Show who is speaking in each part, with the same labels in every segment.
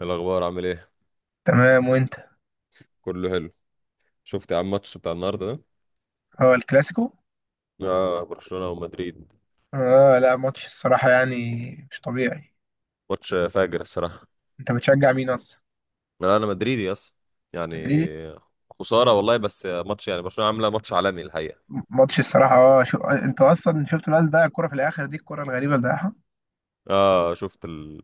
Speaker 1: الأخبار عامل إيه؟
Speaker 2: تمام، وانت؟
Speaker 1: كله حلو. شفت يا عم الماتش بتاع النهاردة ده؟
Speaker 2: هو الكلاسيكو.
Speaker 1: آه، برشلونة ومدريد.
Speaker 2: اه لا ماتش الصراحة يعني مش طبيعي.
Speaker 1: ماتش فاجر الصراحة.
Speaker 2: انت بتشجع مين اصلا؟
Speaker 1: أنا مدريدي أصلا، يعني
Speaker 2: مدريد.
Speaker 1: خسارة والله، بس ماتش يعني برشلونة عاملة ماتش عالمي الحقيقة.
Speaker 2: ماتش الصراحة انت اصلا شفت الواد اللي ضيع الكرة في الاخر، دي الكرة الغريبة اللي ضيعها.
Speaker 1: شفت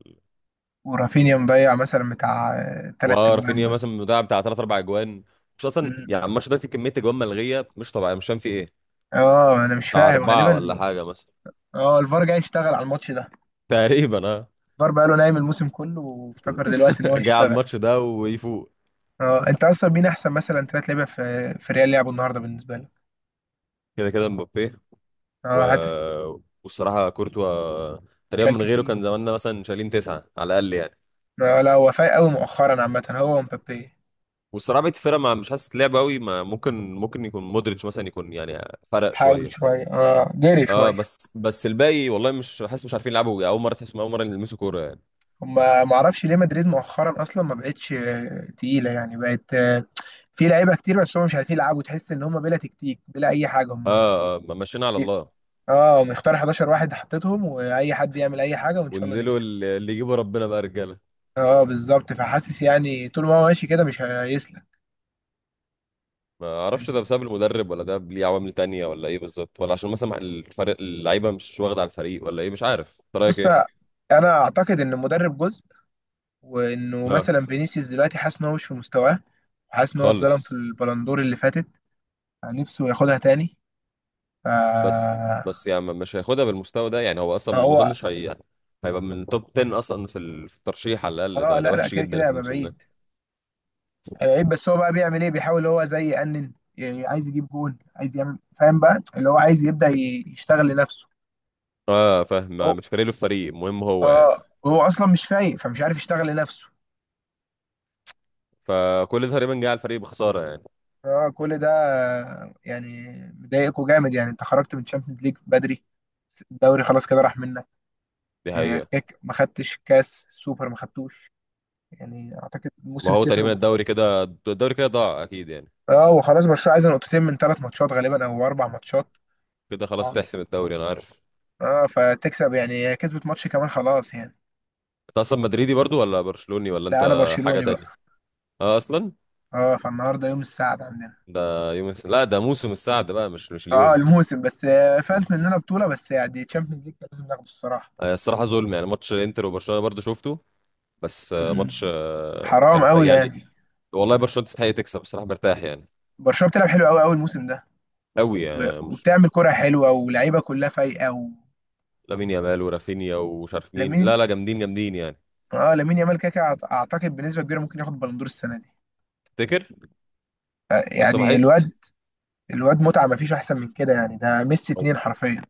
Speaker 2: ورافينيا مضيع مثلا بتاع تلات تجوان
Speaker 1: ورافينيا
Speaker 2: ولا؟
Speaker 1: مثلا مضيع بتاع تلات أربع أجوان. مش أصلا،
Speaker 2: مم.
Speaker 1: يعني الماتش ده فيه كمية أجوان ملغية مش طبيعية، مش فاهم فيه إيه.
Speaker 2: اه، انا مش
Speaker 1: بتاع
Speaker 2: فاهم
Speaker 1: أربعة ولا
Speaker 2: غالبا.
Speaker 1: حاجة مثلا.
Speaker 2: اه، الفار جاي يشتغل على الماتش ده.
Speaker 1: تقريبا آه.
Speaker 2: الفار بقاله نايم الموسم كله وافتكر دلوقتي ان هو
Speaker 1: جه على
Speaker 2: هيشتغل.
Speaker 1: الماتش ده ويفوق.
Speaker 2: اه، انت اصلا مين احسن مثلا تلات لعيبة في ريال لعبوا النهارده بالنسبة لك؟
Speaker 1: كده كده مبابي و...
Speaker 2: اه، هاتريك.
Speaker 1: والصراحه كورتوا. تقريبا
Speaker 2: شال
Speaker 1: من غيره
Speaker 2: كتير.
Speaker 1: كان زماننا مثلا شايلين تسعه على الاقل يعني.
Speaker 2: ما لا وفاء قوي مؤخرا عامة هو ومبابي.
Speaker 1: والصراحه بقيه الفرقه ما مش حاسس لعب قوي، ما ممكن يكون مودريتش مثلا، يكون يعني فرق
Speaker 2: حاول
Speaker 1: شويه.
Speaker 2: شوية، اه جري
Speaker 1: اه،
Speaker 2: شوية.
Speaker 1: بس الباقي والله مش حاسس، مش عارفين يلعبوا، اول مره تحسهم اول مره يلمسوا كوره يعني.
Speaker 2: هما معرفش ليه مدريد مؤخرا أصلا ما بقتش تقيلة، يعني بقت في لعيبة كتير بس هم مش عارفين يلعبوا. تحس إن هما بلا تكتيك بلا أي حاجة
Speaker 1: اه
Speaker 2: هما.
Speaker 1: اه، ما مشينا على الله.
Speaker 2: اه، مختار 11 واحد حطيتهم وأي حد يعمل أي حاجة وإن شاء الله
Speaker 1: وانزلوا
Speaker 2: نكسب.
Speaker 1: اللي يجيبوا ربنا بقى رجاله.
Speaker 2: اه بالظبط، فحاسس يعني طول ما هو ماشي كده مش هيسلك.
Speaker 1: ما اعرفش ده
Speaker 2: يعني
Speaker 1: بسبب المدرب، ولا ده ليه عوامل تانية، ولا ايه بالظبط، ولا عشان مثلا الفريق اللعيبه مش واخده على الفريق، ولا ايه، مش عارف انت رايك
Speaker 2: بص،
Speaker 1: ايه.
Speaker 2: أنا أعتقد إن المدرب جزء. وانه
Speaker 1: اه
Speaker 2: مثلا فينيسيوس دلوقتي حاسس ان هو مش في مستواه. وحاسس ان هو اتظلم في
Speaker 1: خالص.
Speaker 2: البلندور اللي فاتت. يعني نفسه ياخدها تاني. ف
Speaker 1: بس يعني مش هياخدها بالمستوى ده، يعني هو
Speaker 2: ما
Speaker 1: اصلا ما
Speaker 2: هو.
Speaker 1: اظنش هي هيبقى من توب 10 اصلا في في الترشيح على الاقل،
Speaker 2: اه
Speaker 1: ده
Speaker 2: لا لا،
Speaker 1: وحش
Speaker 2: كده
Speaker 1: جدا
Speaker 2: كده
Speaker 1: في
Speaker 2: هيبقى
Speaker 1: الموسم
Speaker 2: بعيد.
Speaker 1: ده.
Speaker 2: هيبقى بعيد، بس هو بقى بيعمل ايه؟ بيحاول هو زي يأنن يعني، عايز يجيب جون، عايز يعمل، فاهم بقى اللي هو عايز يبدأ يشتغل لنفسه.
Speaker 1: اه فاهم،
Speaker 2: هو،
Speaker 1: مش فارق له الفريق، المهم هو يعني.
Speaker 2: اه هو اصلا مش فايق فمش عارف يشتغل لنفسه.
Speaker 1: فكل ده تقريبا جه على الفريق بخساره يعني.
Speaker 2: اه كل ده يعني. مضايقكوا جامد يعني. انت خرجت من تشامبيونز ليج بدري، الدوري خلاص كده راح منك.
Speaker 1: دي
Speaker 2: يعني
Speaker 1: حقيقه.
Speaker 2: هيك، ما خدتش كاس سوبر ما خدتوش. يعني اعتقد
Speaker 1: ما
Speaker 2: موسم
Speaker 1: هو
Speaker 2: صفر
Speaker 1: تقريبا
Speaker 2: وبطولات.
Speaker 1: الدوري كده، الدوري كده ضاع اكيد يعني.
Speaker 2: اه، وخلاص برشلونه عايزه نقطتين من ثلاث ماتشات غالبا او اربع ماتشات.
Speaker 1: كده خلاص
Speaker 2: اه
Speaker 1: تحسم الدوري، انا عارف.
Speaker 2: اه، فتكسب يعني، هي كسبت ماتش كمان خلاص يعني.
Speaker 1: انت اصلا مدريدي برضو ولا برشلوني، ولا
Speaker 2: لا، انا
Speaker 1: انت حاجه
Speaker 2: برشلوني
Speaker 1: تانية؟
Speaker 2: بقى.
Speaker 1: اه اصلا.
Speaker 2: اه، فالنهارده يوم السعد عندنا.
Speaker 1: ده يوم لا، ده موسم السعد بقى، مش
Speaker 2: اه
Speaker 1: اليوم.
Speaker 2: الموسم، بس
Speaker 1: م.
Speaker 2: فات مننا بطوله، بس يعني تشامبيونز ليج كان لازم ناخده الصراحه.
Speaker 1: الصراحه ظلم، يعني ماتش الانتر وبرشلونه برضو شفته. بس ماتش
Speaker 2: مم. حرام
Speaker 1: كان في
Speaker 2: قوي
Speaker 1: يعني.
Speaker 2: يعني.
Speaker 1: والله برشلونة تستحق تكسب، بصراحة مرتاح يعني.
Speaker 2: برشلونه بتلعب حلو قوي قوي الموسم ده.
Speaker 1: قوي يعني مش.
Speaker 2: وبتعمل كره حلوه ولاعيبه كلها فايقه.
Speaker 1: لامين يامال ورافينيا ومش عارف مين، لا
Speaker 2: ولامين،
Speaker 1: لا جامدين جامدين يعني.
Speaker 2: اه لامين يامال كده كده اعتقد بنسبه كبيره ممكن ياخد بالندور السنه دي.
Speaker 1: تفتكر؟ بس
Speaker 2: يعني
Speaker 1: بحس.
Speaker 2: الواد متعه، ما فيش احسن من كده يعني، ده ميسي
Speaker 1: هو
Speaker 2: اتنين حرفيا.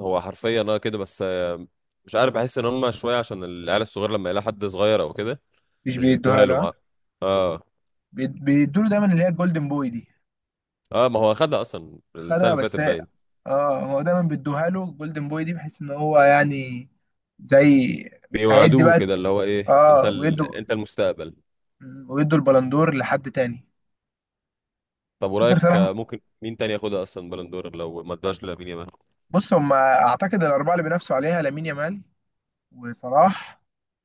Speaker 1: هو حرفيا كده بس مش عارف، بحس ان هم شوية عشان العيال الصغير لما يلاقي حد صغير او كده.
Speaker 2: مش
Speaker 1: مش بيدوها
Speaker 2: بيدوها
Speaker 1: له
Speaker 2: له، ها؟
Speaker 1: مع. اه
Speaker 2: بيدوا له دايما اللي هي الجولدن بوي دي.
Speaker 1: اه. ما هو خدها اصلا السنة
Speaker 2: خدها
Speaker 1: اللي فاتت
Speaker 2: بس هي-
Speaker 1: باين.
Speaker 2: اه، هو دايما بيدوها له الجولدن بوي دي بحيث ان هو يعني زي. هيدي
Speaker 1: بيوعدوه
Speaker 2: بقى.
Speaker 1: كده اللي هو ايه، انت
Speaker 2: اه ويدوا
Speaker 1: انت المستقبل.
Speaker 2: ويدوا البلندور لحد تاني.
Speaker 1: طب
Speaker 2: افتكر
Speaker 1: ورايك
Speaker 2: صلاح.
Speaker 1: ممكن مين تاني ياخدها اصلا بلندور، لو ما ادوهاش لامين يامال؟
Speaker 2: بص، هم اعتقد الاربعه اللي بينافسوا عليها: لامين يامال، وصلاح،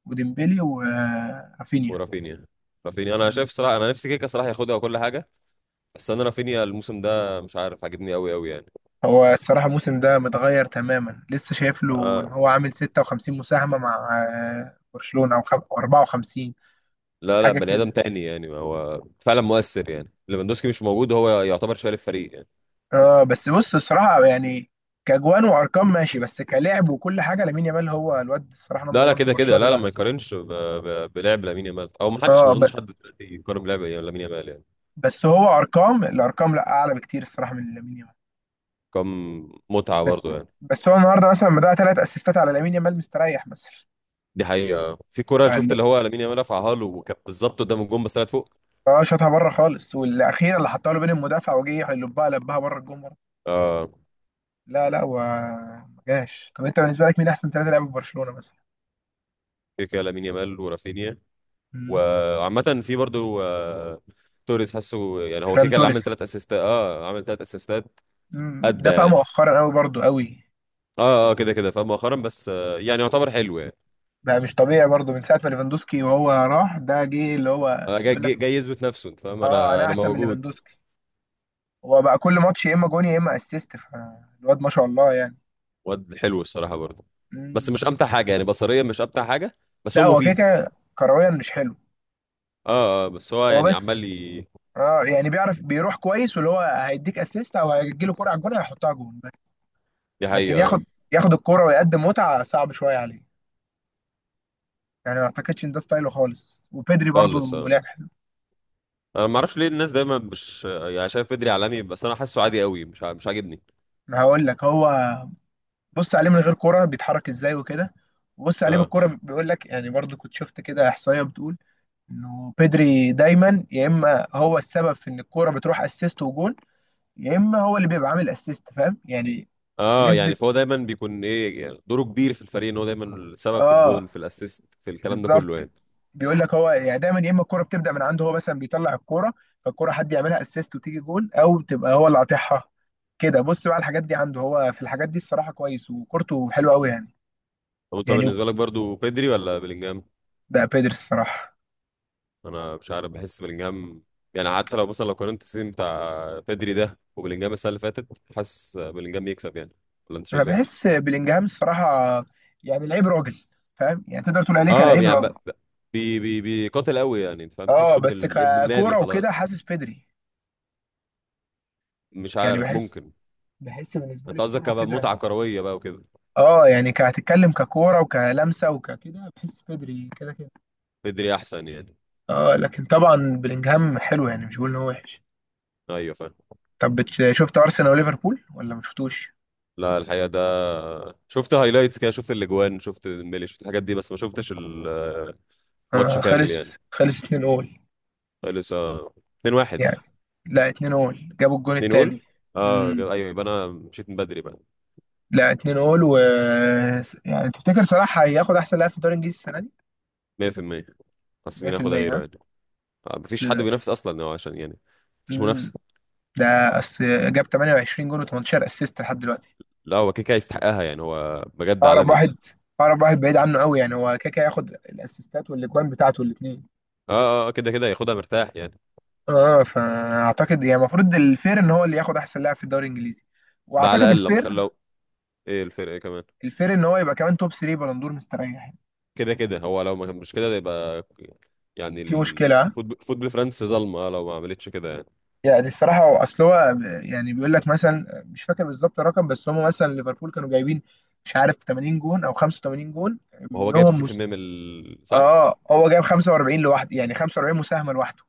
Speaker 2: وديمبلي، ورافينيا.
Speaker 1: ورافينيا. رافينيا انا شايف صراحه، انا نفسي كيكا صراحه ياخدها وكل حاجه. بس انا رافينيا الموسم ده مش عارف، عاجبني قوي قوي يعني.
Speaker 2: هو الصراحة الموسم ده متغير تماما، لسه شايف له إن
Speaker 1: آه.
Speaker 2: هو عامل 56 مساهمة مع برشلونة، أو أو 54
Speaker 1: لا لا،
Speaker 2: حاجة
Speaker 1: بني ادم
Speaker 2: كده.
Speaker 1: تاني يعني، هو فعلا مؤثر يعني، ليفاندوسكي مش موجود هو يعتبر شايل الفريق يعني.
Speaker 2: اه بس بص، الصراحة يعني كأجوان وأرقام ماشي، بس كلاعب وكل حاجة لامين يامال هو الواد الصراحة
Speaker 1: لا
Speaker 2: نمبر
Speaker 1: لا
Speaker 2: 1 في
Speaker 1: كده كده
Speaker 2: برشلونة
Speaker 1: لا لا ما
Speaker 2: دلوقتي.
Speaker 1: يقارنش بلعب لامين يامال، او ما حدش، ما
Speaker 2: اه
Speaker 1: اظنش حد دلوقتي يقارن بلعب لامين يامال يعني.
Speaker 2: بس هو أرقام، الأرقام لا، أعلى بكتير الصراحة من لامين يامال.
Speaker 1: كم. متعه
Speaker 2: بس،
Speaker 1: برضه يعني.
Speaker 2: بس هو النهاردة مثلا لما ضيع ثلاث أسيستات على لامين يامال مستريح مثلا.
Speaker 1: دي حقيقه، في كوره شفت
Speaker 2: فال-
Speaker 1: اللي هو لامين يامال رفعها له، وكانت بالظبط قدام الجون بس طلعت فوق.
Speaker 2: اه شاطها بره خالص، والأخيرة اللي حطها له بين المدافع وجه يلبها لبها بره الجون.
Speaker 1: اه،
Speaker 2: لا لا، هو ما جاش. طب انت بالنسبه لك مين احسن ثلاثه لعيبه في برشلونه مثلا؟
Speaker 1: كيكا لامين يامال ورافينيا.
Speaker 2: مم.
Speaker 1: وعامة في برضو توريس، حاسه يعني هو كده
Speaker 2: فران
Speaker 1: كده اللي
Speaker 2: توريس.
Speaker 1: عامل ثلاث اسيستات، اه عامل ثلاث اسيستات.
Speaker 2: مم.
Speaker 1: ادى
Speaker 2: دفع
Speaker 1: يعني.
Speaker 2: مؤخرا قوي، برضو قوي.
Speaker 1: اه اه كده كده فاهم مؤخرا، بس يعني يعتبر حلو يعني.
Speaker 2: بقى مش طبيعي برضو من ساعه ما ليفاندوسكي وهو راح، ده جه اللي هو
Speaker 1: جاي
Speaker 2: بيقول
Speaker 1: جاي
Speaker 2: لك
Speaker 1: جاي يثبت نفسه، انت فاهم،
Speaker 2: اه
Speaker 1: انا
Speaker 2: انا
Speaker 1: انا
Speaker 2: احسن من
Speaker 1: موجود.
Speaker 2: ليفاندوسكي. هو بقى كل ماتش يا اما جون يا اما اسيست، فالواد ما شاء الله يعني.
Speaker 1: واد حلو الصراحة برضو. بس
Speaker 2: مم.
Speaker 1: مش امتع حاجة يعني، بصريا مش امتع حاجة. بس
Speaker 2: لا،
Speaker 1: هو
Speaker 2: هو كده
Speaker 1: مفيد.
Speaker 2: كده كرويا مش حلو.
Speaker 1: اه اه بس هو
Speaker 2: هو
Speaker 1: يعني
Speaker 2: بس،
Speaker 1: عمال لي.
Speaker 2: اه يعني بيعرف بيروح كويس، واللي هو هيديك اسيست او هيجيله كرة على الجون هيحطها جون بس.
Speaker 1: دي
Speaker 2: لكن
Speaker 1: حقيقة
Speaker 2: ياخد الكرة ويقدم متعة صعب شوية عليه. يعني ما اعتقدش ان ده ستايله خالص. وبيدري
Speaker 1: خالص
Speaker 2: برضو
Speaker 1: اه.
Speaker 2: لعب حلو.
Speaker 1: انا ما اعرفش ليه الناس دايما مش يعني شايف بدري عالمي، بس انا حاسه عادي قوي، مش عاجبني.
Speaker 2: ما هقول لك، هو بص عليه من غير كرة بيتحرك ازاي وكده، وبص عليه
Speaker 1: اه
Speaker 2: بالكرة بيقول لك يعني، برضو كنت شفت كده احصائية بتقول انه بيدري دايما يا اما هو السبب في ان الكرة بتروح اسيست وجون، يا اما هو اللي بيبقى عامل اسيست، فاهم يعني.
Speaker 1: اه
Speaker 2: بنسبة،
Speaker 1: يعني فهو دايما بيكون ايه، يعني دوره كبير في الفريق، ان هو دايما السبب في الجون
Speaker 2: اه
Speaker 1: في الاسيست في الكلام ده
Speaker 2: بالظبط.
Speaker 1: كله يعني.
Speaker 2: بيقول لك هو يعني دايما يا اما الكوره بتبدا من عنده، هو مثلا بيطلع الكوره فالكوره حد يعملها اسيست وتيجي جول، او تبقى هو اللي قاطعها. كده بص بقى، الحاجات دي عنده، هو في الحاجات دي الصراحه كويس، وكورته حلوه قوي يعني.
Speaker 1: طب انت
Speaker 2: يعني
Speaker 1: بالنسبه لك برضو بيدري ولا بلينجهام؟
Speaker 2: ده بيدري الصراحه.
Speaker 1: انا مش عارف، بحس بلينجهام. يعني حتى لو مثلا، لو قارنت السيزون بتاع بيدري ده وبلينجهام السنه اللي فاتت، حاسس بلينجهام يكسب يعني. ولا انت
Speaker 2: انا
Speaker 1: شايف ايه؟
Speaker 2: بحس بلينجهام الصراحه، يعني لعيب راجل، فاهم يعني، تقدر تقول عليه
Speaker 1: اه
Speaker 2: كلاعب
Speaker 1: يعني ب-
Speaker 2: راجل.
Speaker 1: ب- بي بي بيقاتل قوي يعني، انت فاهم،
Speaker 2: اه
Speaker 1: تحسه
Speaker 2: بس
Speaker 1: ابن النادي
Speaker 2: ككوره وكده
Speaker 1: خلاص.
Speaker 2: حاسس بيدري
Speaker 1: مش
Speaker 2: يعني.
Speaker 1: عارف،
Speaker 2: بحس،
Speaker 1: ممكن.
Speaker 2: بالنسبه لي
Speaker 1: انت قصدك
Speaker 2: الكوره وكده.
Speaker 1: كمتعه كرويه بقى وكده؟
Speaker 2: اه يعني، كهتتكلم ككوره وكلمسه وككده، بحس بيدري كده كده.
Speaker 1: بيدري احسن يعني.
Speaker 2: اه، لكن طبعا بلينجهام حلو، يعني مش بقول ان هو وحش.
Speaker 1: ايوه فاهم.
Speaker 2: طب شفت ارسنال وليفربول ولا ما شفتوش؟
Speaker 1: لا الحقيقة ده، شفت هايلايتس كده، شفت الاجوان، شفت الميلي، شفت الحاجات دي، بس ما شفتش الماتش
Speaker 2: آه
Speaker 1: كامل يعني.
Speaker 2: خلص خلص 2 اول
Speaker 1: لسه 2-1.
Speaker 2: يعني. لا، 2 اول جابوا الجون
Speaker 1: 2
Speaker 2: التاني.
Speaker 1: جول. اه
Speaker 2: مم.
Speaker 1: ايوه، يبقى انا مشيت من بدري بقى.
Speaker 2: لا، 2 اول و. يعني تفتكر صلاح هياخد احسن لاعب في الدوري الانجليزي السنه دي؟
Speaker 1: 100%. بس مين ياخدها
Speaker 2: 100%،
Speaker 1: غيره
Speaker 2: ها.
Speaker 1: يعني؟ مفيش
Speaker 2: اصل
Speaker 1: حد
Speaker 2: ده،
Speaker 1: بينافس اصلا هو عشان يعني. مفيش منافسة.
Speaker 2: مم. ده اصل جاب 28 جون و18 اسيست لحد دلوقتي.
Speaker 1: لا هو كيكا يستحقها، يعني هو بجد
Speaker 2: اقرب
Speaker 1: عالمي.
Speaker 2: واحد، اقرب واحد بعيد عنه قوي، يعني هو كاكا هياخد الاسيستات والاجوان بتاعته الاثنين.
Speaker 1: اه اه كده كده ياخدها مرتاح يعني.
Speaker 2: اه، فاعتقد يعني المفروض الفير ان هو اللي ياخد احسن لاعب في الدوري الانجليزي.
Speaker 1: ده على
Speaker 2: واعتقد
Speaker 1: الاقل، لو
Speaker 2: الفير،
Speaker 1: لو. ايه الفرق كمان.
Speaker 2: ان هو يبقى كمان توب 3 بلندور مستريح يعني.
Speaker 1: كده كده هو، لو ما كان مش كده ده يبقى، يعني
Speaker 2: في مشكله، ها؟
Speaker 1: الفوتبول فوتبول فرنسا ظلمة، لو ما عملتش كده يعني.
Speaker 2: يعني الصراحه هو اصل، هو يعني بيقول لك مثلا مش فاكر بالظبط الرقم، بس هم مثلا ليفربول كانوا جايبين مش عارف 80 جون او 85 جون
Speaker 1: وهو جايب
Speaker 2: منهم
Speaker 1: ستيفن ميمل، صح؟
Speaker 2: اه هو جايب 45 لوحده، يعني 45 مساهمه لوحده،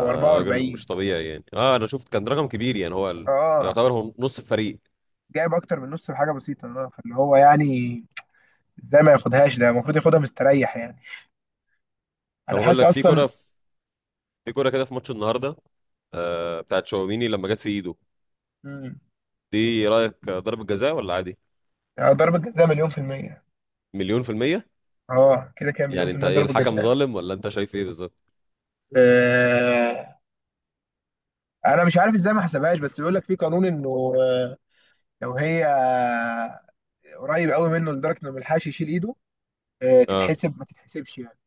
Speaker 2: او
Speaker 1: راجل
Speaker 2: 44.
Speaker 1: مش طبيعي يعني، اه انا شفت كان رقم كبير، يعني هو
Speaker 2: اه
Speaker 1: يعتبر هو نص الفريق.
Speaker 2: جايب اكتر من نص بحاجه بسيطه. اه، فاللي هو يعني ازاي ما ياخدهاش؟ ده المفروض ياخدها مستريح يعني.
Speaker 1: طب
Speaker 2: انا
Speaker 1: اقول
Speaker 2: حاسس
Speaker 1: لك،
Speaker 2: اصلا.
Speaker 1: في كرة كده في ماتش النهارده. آه بتاعت شاوميني لما جت في ايده.
Speaker 2: مم.
Speaker 1: دي رأيك ضربة جزاء ولا عادي؟
Speaker 2: ضربة جزاء مليون في المية.
Speaker 1: مليون في المية.
Speaker 2: اه كده كده مليون
Speaker 1: يعني
Speaker 2: في
Speaker 1: انت
Speaker 2: المية
Speaker 1: ايه،
Speaker 2: ضربة
Speaker 1: الحكم
Speaker 2: جزاء.
Speaker 1: ظالم ولا انت شايف ايه بالظبط؟
Speaker 2: آه، انا مش عارف ازاي ما حسبهاش، بس بيقول لك في قانون انه لو هي قريب قوي منه لدرجة انه ما يلحقش يشيل ايده، آه
Speaker 1: اه.
Speaker 2: تتحسب ما تتحسبش يعني.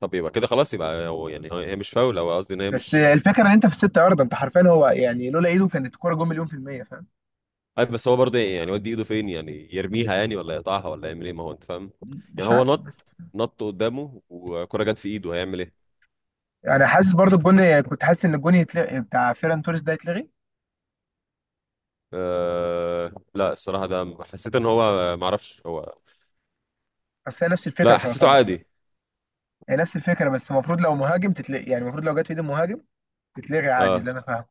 Speaker 1: طب يبقى كده خلاص، يبقى هو يعني هي مش فاول، او قصدي ان هي
Speaker 2: بس
Speaker 1: مش.
Speaker 2: الفكرة ان انت في الستة ياردة، انت حرفيا هو يعني لولا ايده كانت الكورة جون مليون في المية، فاهم.
Speaker 1: عارف بس هو برضه، يعني يودي ايده فين يعني، يرميها يعني، ولا يقطعها، ولا يعمل ايه، ما هو انت فاهم. يعني
Speaker 2: مش
Speaker 1: هو
Speaker 2: عارف بس،
Speaker 1: نط، قدامه وكرة جت في ايده، هيعمل ايه؟
Speaker 2: يعني حاسس برضو الجون، كنت حاسس ان الجون يتلغي بتاع فيران توريس، ده يتلغي.
Speaker 1: أه لا، الصراحة ده حسيت ان هو معرفش هو.
Speaker 2: بس هي نفس الفكرة
Speaker 1: لا حسيته
Speaker 2: تعتبر،
Speaker 1: عادي.
Speaker 2: هي نفس الفكرة بس المفروض لو مهاجم تتلغي، يعني المفروض لو جت في ايد المهاجم تتلغي عادي، اللي
Speaker 1: اه
Speaker 2: انا فاهمه.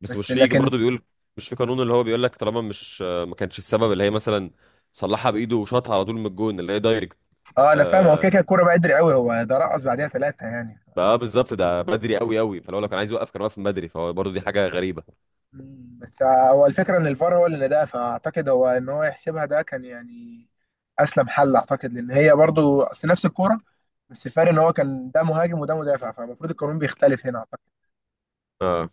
Speaker 1: بس
Speaker 2: بس
Speaker 1: مش في
Speaker 2: لكن
Speaker 1: برضه بيقول. مش في قانون اللي هو بيقول لك طالما مش ما كانش السبب اللي هي مثلا صلحها بايده وشاطها على طول من الجون اللي هي دايركت.
Speaker 2: اه انا فاهم، هو كده كده
Speaker 1: آه
Speaker 2: الكوره بقى قدر قوي، هو ده رقص بعديها ثلاثه يعني.
Speaker 1: بقى بالظبط، ده بدري قوي قوي، فلو كان عايز يوقف كان واقف من بدري، فهو برضه دي حاجة غريبة.
Speaker 2: مم. بس هو الفكره ان الفار هو اللي ناداها، فاعتقد هو ان هو يحسبها ده كان يعني اسلم حل، اعتقد لان هي برضو اصل نفس الكوره، بس الفرق ان هو كان ده مهاجم وده مدافع فالمفروض القانون بيختلف هنا اعتقد،
Speaker 1: اه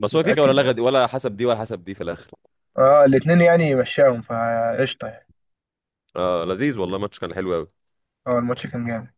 Speaker 2: مش
Speaker 1: هو كده كده،
Speaker 2: متاكد
Speaker 1: ولا لغة
Speaker 2: يعني.
Speaker 1: دي ولا حسب دي، ولا حسب دي في الاخر.
Speaker 2: اه الاثنين يعني مشاهم فقشطه يعني.
Speaker 1: اه لذيذ والله، ماتش كان حلو قوي
Speaker 2: اه، الماتش كان جامد.